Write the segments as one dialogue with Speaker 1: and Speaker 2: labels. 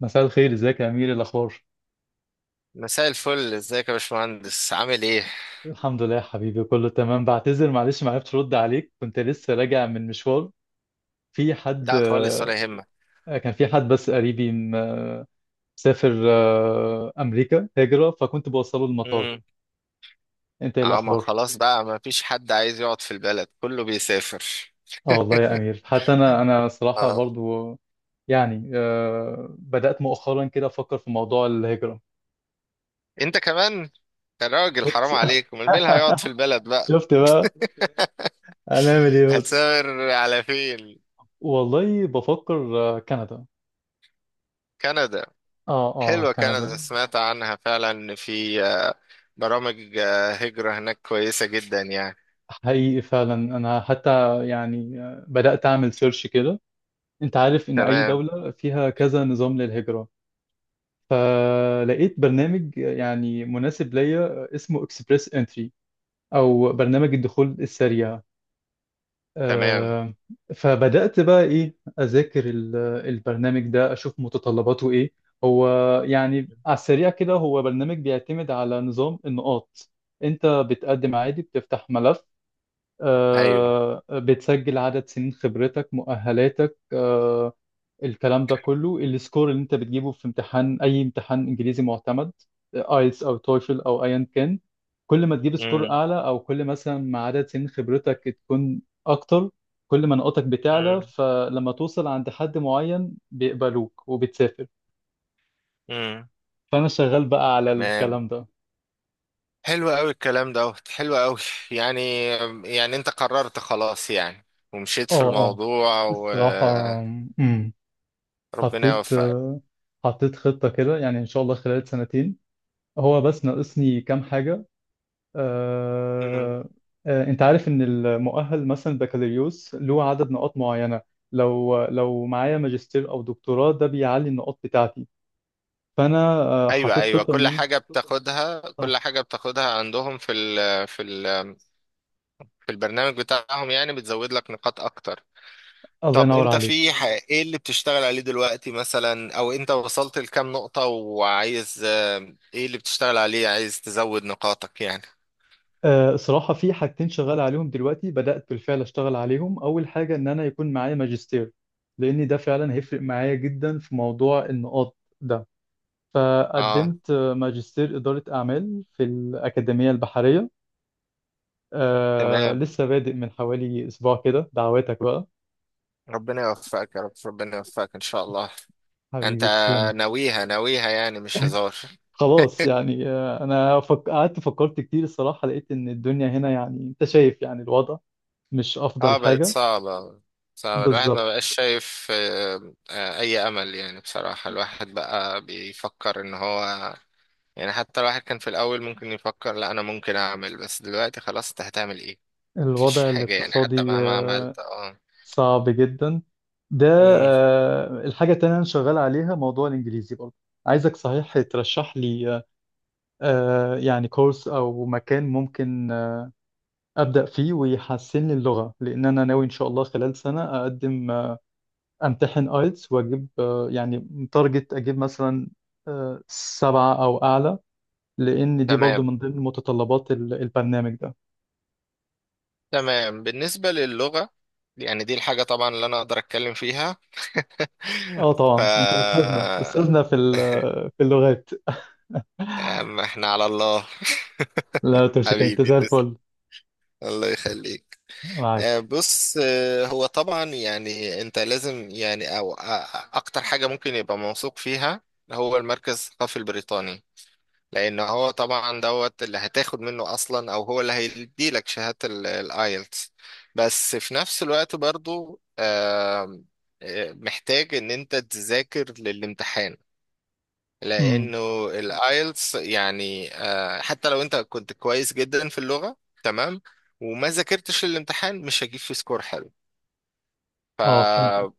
Speaker 1: مساء الخير. ازيك يا امير؟ إيه الاخبار؟
Speaker 2: مساء الفل، ازيك يا باشمهندس؟ عامل ايه؟
Speaker 1: الحمد لله يا حبيبي، كله تمام. بعتذر معلش، ما عرفتش ارد عليك، كنت لسه راجع من مشوار. في حد
Speaker 2: لا خالص
Speaker 1: آه،
Speaker 2: ولا يهمك.
Speaker 1: كان في حد، بس قريبي مسافر امريكا هجرة، فكنت بوصله المطار.
Speaker 2: امم.
Speaker 1: انت، ايه
Speaker 2: اه، ما
Speaker 1: الاخبار؟
Speaker 2: خلاص بقى ما فيش حد عايز يقعد في البلد، كله بيسافر.
Speaker 1: اه والله يا امير، حتى انا صراحة
Speaker 2: اه،
Speaker 1: برضو. يعني، بدأت مؤخرا كده افكر في موضوع الهجرة.
Speaker 2: انت كمان؟ يا راجل
Speaker 1: شفت؟
Speaker 2: حرام عليك، امال مين اللي هيقعد في البلد بقى؟
Speaker 1: شفت بقى؟ هنعمل ايه بس؟
Speaker 2: هتسافر على فين؟
Speaker 1: والله بفكر كندا.
Speaker 2: كندا؟
Speaker 1: اه اه،
Speaker 2: حلوة
Speaker 1: كندا.
Speaker 2: كندا، سمعت عنها فعلا ان في برامج هجرة هناك كويسة جدا يعني.
Speaker 1: حقيقي فعلا، انا حتى يعني بدأت اعمل سيرش كده. انت عارف ان اي
Speaker 2: تمام،
Speaker 1: دولة فيها كذا نظام للهجرة، فلقيت برنامج يعني مناسب ليا اسمه اكسبريس انتري، او برنامج الدخول السريع
Speaker 2: تمام.
Speaker 1: آه، فبدأت بقى ايه، اذاكر البرنامج ده، اشوف متطلباته ايه. هو يعني على السريع كده، هو برنامج بيعتمد على نظام النقاط. انت بتقدم عادي، بتفتح ملف،
Speaker 2: ايوه.
Speaker 1: بتسجل عدد سنين خبرتك، مؤهلاتك، الكلام ده كله. السكور اللي انت بتجيبه في امتحان، اي امتحان انجليزي معتمد، ايلتس او تويفل او ايا كان. كل ما تجيب سكور
Speaker 2: امم،
Speaker 1: اعلى، او كل مثلا ما عدد سنين خبرتك تكون اكتر، كل ما نقطك بتعلى.
Speaker 2: امم،
Speaker 1: فلما توصل عند حد معين، بيقبلوك وبتسافر.
Speaker 2: امم.
Speaker 1: فانا شغال بقى على
Speaker 2: تمام.
Speaker 1: الكلام ده.
Speaker 2: حلو قوي الكلام دوت، حلو قوي. يعني يعني انت قررت خلاص يعني؟ ومشيت في
Speaker 1: اه اه،
Speaker 2: الموضوع
Speaker 1: الصراحة،
Speaker 2: وربنا
Speaker 1: امم حطيت
Speaker 2: يوفقك.
Speaker 1: آه، حطيت خطة كده، يعني إن شاء الله خلال سنتين. هو بس ناقصني كام حاجة.
Speaker 2: مم.
Speaker 1: آه، أنت عارف إن المؤهل مثلا بكالوريوس له عدد نقاط معينة، لو معايا ماجستير أو دكتوراه، ده بيعلي النقاط بتاعتي. فأنا
Speaker 2: ايوه،
Speaker 1: حطيت
Speaker 2: ايوه،
Speaker 1: خطة إن
Speaker 2: كل
Speaker 1: أنا...
Speaker 2: حاجه بتاخدها، كل
Speaker 1: صح.
Speaker 2: حاجه بتاخدها عندهم في البرنامج بتاعهم يعني بتزود لك نقاط اكتر.
Speaker 1: الله
Speaker 2: طب
Speaker 1: ينور
Speaker 2: انت
Speaker 1: عليك.
Speaker 2: ايه اللي بتشتغل عليه دلوقتي مثلا، او انت وصلت لكام نقطه وعايز ايه اللي بتشتغل عليه عايز تزود نقاطك يعني؟
Speaker 1: صراحة في حاجتين شغال عليهم دلوقتي، بدأت بالفعل أشتغل عليهم. أول حاجة، إن أنا يكون معايا ماجستير، لأن ده فعلا هيفرق معايا جدا في موضوع النقاط ده.
Speaker 2: اه.
Speaker 1: فقدمت ماجستير إدارة أعمال في الأكاديمية البحرية.
Speaker 2: تمام.
Speaker 1: لسه بادئ من حوالي أسبوع كده. دعواتك بقى.
Speaker 2: ربنا يوفقك يا رب، ربنا يوفقك ان شاء الله. انت
Speaker 1: حبيبي تسلم.
Speaker 2: ناويها ناويها يعني؟ مش هزار؟
Speaker 1: خلاص يعني، أنا قعدت فكرت كتير الصراحة، لقيت إن الدنيا هنا، يعني أنت شايف يعني، الوضع مش أفضل
Speaker 2: اه، بقت
Speaker 1: حاجة.
Speaker 2: صعبة. صعبة، الواحد ما
Speaker 1: بالظبط.
Speaker 2: بقاش شايف أي أمل يعني، بصراحة الواحد بقى بيفكر إن هو. يعني حتى الواحد كان في الأول ممكن يفكر لا أنا ممكن أعمل، بس دلوقتي خلاص، أنت هتعمل إيه؟ مفيش
Speaker 1: الوضع
Speaker 2: حاجة يعني، حتى
Speaker 1: الاقتصادي
Speaker 2: مهما عملت، اه.
Speaker 1: صعب جدا، ده...
Speaker 2: مم.
Speaker 1: الحاجة التانية أنا شغال عليها موضوع الإنجليزي برضه. عايزك صحيح ترشح لي يعني كورس أو مكان ممكن أبدأ فيه ويحسن لي اللغة. لأن أنا ناوي إن شاء الله خلال سنة أقدم، أمتحن آيلتس، وأجيب يعني تارجت، أجيب مثلا 7 أو أعلى. لأن دي برضو
Speaker 2: تمام،
Speaker 1: من ضمن متطلبات البرنامج ده.
Speaker 2: تمام. بالنسبة للغة، يعني دي الحاجة طبعا اللي أنا أقدر أتكلم فيها. ف
Speaker 1: طبعا أنت أستاذنا أستاذنا في اللغات.
Speaker 2: يا عم، احنا على الله.
Speaker 1: لا، تمسك، أنت
Speaker 2: حبيبي
Speaker 1: زي
Speaker 2: تسلم،
Speaker 1: الفل.
Speaker 2: الله يخليك.
Speaker 1: معاك.
Speaker 2: بص، هو طبعا يعني انت لازم يعني او اكتر حاجة ممكن يبقى موثوق فيها، هو المركز الثقافي البريطاني. لان هو طبعا دوت اللي هتاخد منه اصلا، او هو اللي هيديلك شهادة الايلتس. بس في نفس الوقت برضو آم، آه، محتاج ان انت تذاكر للامتحان.
Speaker 1: امم.
Speaker 2: لانه الايلتس يعني حتى لو انت كنت كويس جدا في اللغه، تمام، وما ذاكرتش الامتحان مش هجيب فيه سكور حلو.
Speaker 1: فهمتك.
Speaker 2: ف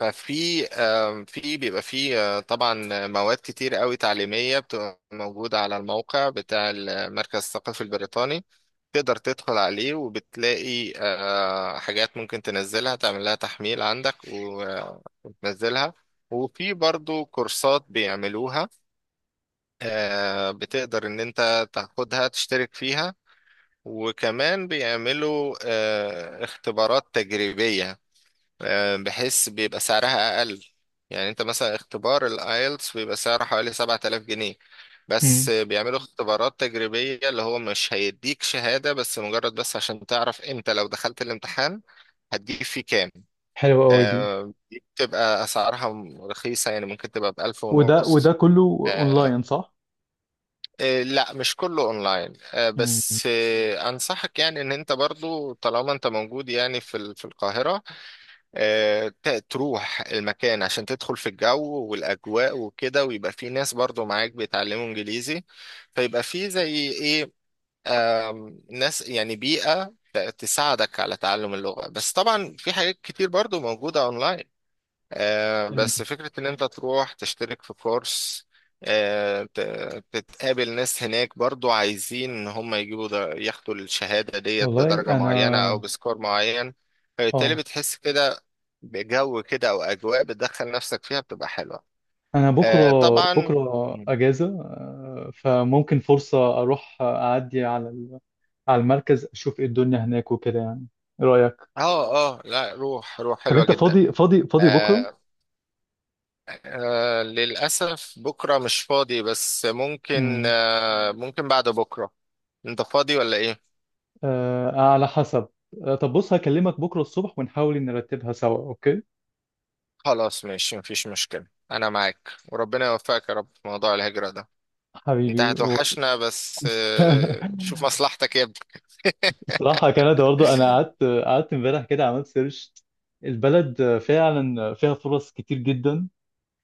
Speaker 2: ففي في بيبقى في طبعا مواد كتير قوي تعليميه بتبقى موجوده على الموقع بتاع المركز الثقافي البريطاني. تقدر تدخل عليه وبتلاقي حاجات ممكن تنزلها، تعمل لها تحميل عندك وتنزلها. وفي برضو كورسات بيعملوها، بتقدر ان انت تاخدها تشترك فيها. وكمان بيعملوا اختبارات تجريبية، بحيث بيبقى سعرها اقل. يعني انت مثلا اختبار الايلتس بيبقى سعره حوالي 7000 جنيه،
Speaker 1: امم.
Speaker 2: بس بيعملوا اختبارات تجريبية اللي هو مش هيديك شهادة، بس مجرد بس عشان تعرف انت لو دخلت الامتحان هتجيب فيه كام.
Speaker 1: حلوة أوي دي.
Speaker 2: دي بتبقى اسعارها رخيصة، يعني ممكن تبقى بألف
Speaker 1: وده
Speaker 2: ونص.
Speaker 1: كله
Speaker 2: آه،
Speaker 1: أونلاين، صح؟
Speaker 2: إيه، لا، مش كله اونلاين، آه، بس آه، انصحك يعني ان انت برضو طالما انت موجود يعني في القاهرة. تروح المكان عشان تدخل في الجو والاجواء وكده، ويبقى في ناس برضو معاك بيتعلموا انجليزي، فيبقى في زي ايه ناس، يعني بيئة تساعدك على تعلم اللغة. بس طبعا في حاجات كتير برضو موجودة اونلاين.
Speaker 1: امم.
Speaker 2: بس فكرة إن أنت تروح تشترك في كورس، آه، ت- تتقابل ناس هناك برضو عايزين إن هم يجيبوا ده، ياخدوا الشهادة ديت
Speaker 1: والله
Speaker 2: بدرجة
Speaker 1: انا.
Speaker 2: معينة أو بسكور معين. فبالتالي
Speaker 1: اه،
Speaker 2: بتحس كده بجو كده، أو أجواء بتدخل نفسك فيها بتبقى حلوة.
Speaker 1: انا بكره،
Speaker 2: طبعا.
Speaker 1: بكره
Speaker 2: مم.
Speaker 1: اجازه، فممكن فرصه اروح اعدي على المركز، اشوف ايه الدنيا هناك وكده يعني. ايه رايك؟
Speaker 2: اه، اه، لا، روح، روح
Speaker 1: طب
Speaker 2: حلوة
Speaker 1: انت
Speaker 2: جدا.
Speaker 1: فاضي بكره؟
Speaker 2: آه للأسف بكرة مش فاضي، بس ممكن
Speaker 1: امم.
Speaker 2: آه ممكن بعد بكرة. أنت فاضي ولا إيه؟
Speaker 1: على حسب. طب بص، هكلمك بكره الصبح ونحاول إن نرتبها سوا، اوكي؟
Speaker 2: خلاص ماشي، مفيش مشكلة، أنا معاك وربنا يوفقك يا رب في موضوع الهجرة ده. أنت
Speaker 1: حبيبي.
Speaker 2: هتوحشنا، بس شوف مصلحتك يا ابني.
Speaker 1: الصراحه كندا برضه، انا قعدت امبارح كده عملت سيرش. البلد فعلا فيها فرص كتير جدا.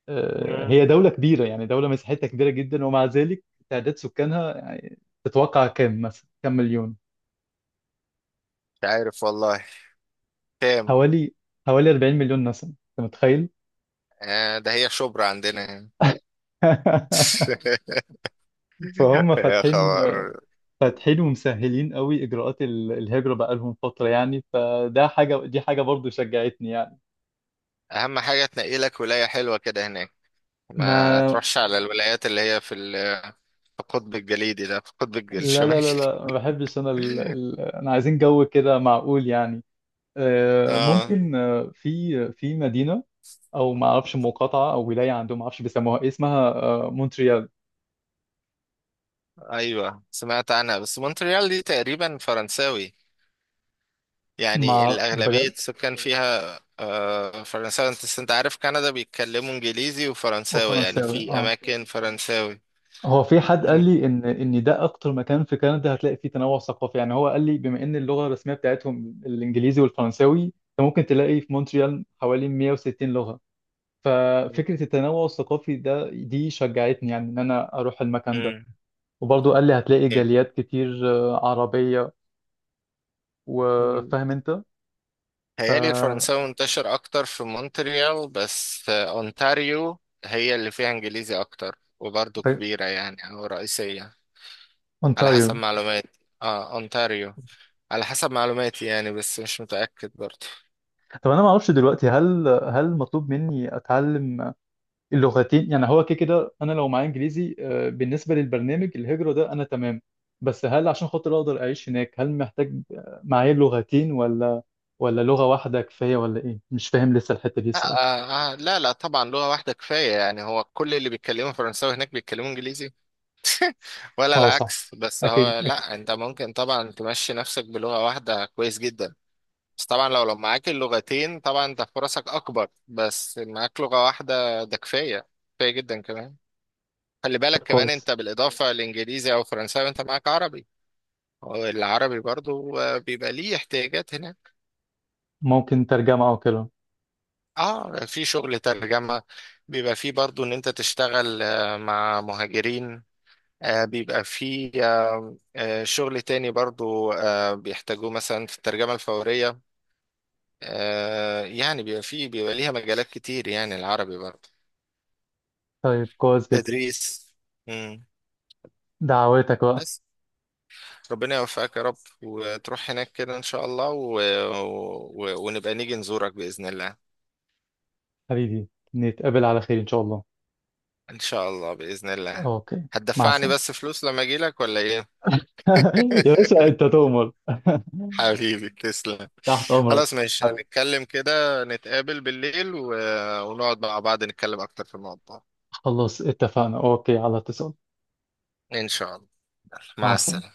Speaker 1: هي
Speaker 2: مم.
Speaker 1: دولة كبيرة، يعني دولة مساحتها كبيرة جدا ومع ذلك تعداد سكانها يعني، تتوقع كام مثلا؟ كام مليون؟
Speaker 2: مش عارف والله، كام؟
Speaker 1: حوالي حوالي 40 مليون نسمة، انت متخيل؟
Speaker 2: ده هي شبرا عندنا يعني.
Speaker 1: فهم
Speaker 2: يا
Speaker 1: فاتحين
Speaker 2: خبر!
Speaker 1: فاتحين ومسهلين قوي اجراءات الهجرة بقالهم فترة يعني. فده حاجة، دي حاجة برضو شجعتني يعني.
Speaker 2: أهم حاجة تنقي لك ولاية حلوة كده هناك،
Speaker 1: ما،
Speaker 2: ما تروحش على الولايات اللي هي في القطب الجليدي ده، في القطب
Speaker 1: لا لا
Speaker 2: الشمالي.
Speaker 1: لا لا، ما بحبش انا انا عايزين جو كده معقول يعني.
Speaker 2: اه،
Speaker 1: ممكن، في مدينة، او ما اعرفش مقاطعه او ولايه، عندهم ما اعرفش بيسموها إيه، اسمها مونتريال.
Speaker 2: ايوه، سمعت عنها، بس مونتريال دي تقريبا فرنساوي، يعني
Speaker 1: ما
Speaker 2: الأغلبية
Speaker 1: بجد.
Speaker 2: السكان فيها فرنساوي، أنت عارف كندا بيتكلموا انجليزي وفرنساوي، يعني
Speaker 1: وفرنساوي،
Speaker 2: في
Speaker 1: اه.
Speaker 2: اماكن فرنساوي.
Speaker 1: هو في حد قال
Speaker 2: مم.
Speaker 1: لي ان ده اكتر مكان في كندا هتلاقي فيه تنوع ثقافي. يعني هو قال لي، بما ان اللغه الرسميه بتاعتهم الانجليزي والفرنساوي، انت ممكن تلاقي في مونتريال حوالي 160 لغه. ففكره التنوع الثقافي ده، دي شجعتني يعني ان انا اروح المكان ده.
Speaker 2: مم.
Speaker 1: وبرضه قال لي هتلاقي جاليات كتير عربيه.
Speaker 2: مم.
Speaker 1: وفاهم انت. ف
Speaker 2: هيالي الفرنساوي منتشر اكتر في مونتريال، بس اونتاريو هي اللي فيها انجليزي اكتر، وبرضه كبيرة يعني، او رئيسية على حسب
Speaker 1: اونتاريو.
Speaker 2: معلوماتي. اه اونتاريو، على حسب معلوماتي يعني، بس مش متأكد برضه.
Speaker 1: طب انا ما اعرفش دلوقتي، هل مطلوب مني اتعلم اللغتين؟ يعني هو كده كده انا لو معايا انجليزي، بالنسبه للبرنامج الهجره ده انا تمام. بس هل عشان خاطر اقدر اعيش هناك، هل محتاج معايا لغتين؟ ولا لغه واحده كفايه؟ ولا ايه؟ مش فاهم لسه الحته دي
Speaker 2: لا،
Speaker 1: الصراحه.
Speaker 2: لا لا طبعا لغة واحدة كفاية، يعني هو كل اللي بيتكلموا فرنساوي هناك بيتكلموا انجليزي ولا
Speaker 1: اه، صح.
Speaker 2: العكس. بس
Speaker 1: اكيد
Speaker 2: هو،
Speaker 1: اكيد.
Speaker 2: لا، انت ممكن طبعا تمشي نفسك بلغة واحدة كويس جدا. بس طبعا لو معاك اللغتين طبعا انت فرصك اكبر، بس معاك لغة واحدة ده كفاية، كفاية جدا كمان. خلي
Speaker 1: طب
Speaker 2: بالك كمان،
Speaker 1: كويس.
Speaker 2: انت بالاضافة لانجليزي او فرنساوي انت معاك عربي، والعربي برضو بيبقى ليه احتياجات هناك.
Speaker 1: ممكن ترجمه او كده.
Speaker 2: اه، في شغل ترجمة، بيبقى فيه برضو ان انت تشتغل مع مهاجرين. بيبقى في شغل تاني، برضو بيحتاجوه مثلا في الترجمة الفورية، يعني بيبقى في بيبقى ليها مجالات كتير يعني، العربي برضو.
Speaker 1: طيب كويس جدا.
Speaker 2: تدريس. مم.
Speaker 1: دعواتك بقى.
Speaker 2: بس ربنا يوفقك يا رب، وتروح هناك كده إن شاء الله، ونبقى نيجي نزورك بإذن الله.
Speaker 1: حبيبي. نتقابل على خير ان شاء الله.
Speaker 2: إن شاء الله، بإذن الله.
Speaker 1: اوكي. مع
Speaker 2: هتدفعني
Speaker 1: السلامه.
Speaker 2: بس فلوس لما أجيلك ولا إيه؟
Speaker 1: يا باشا انت تؤمر.
Speaker 2: حبيبي تسلم.
Speaker 1: تحت أمرك.
Speaker 2: خلاص ماشي،
Speaker 1: حبيبي.
Speaker 2: هنتكلم كده، نتقابل بالليل ونقعد مع بعض نتكلم أكتر في الموضوع.
Speaker 1: خلاص اتفقنا، أوكي، على اتصال.
Speaker 2: إن شاء الله،
Speaker 1: مع
Speaker 2: مع
Speaker 1: السلامة.
Speaker 2: السلامة.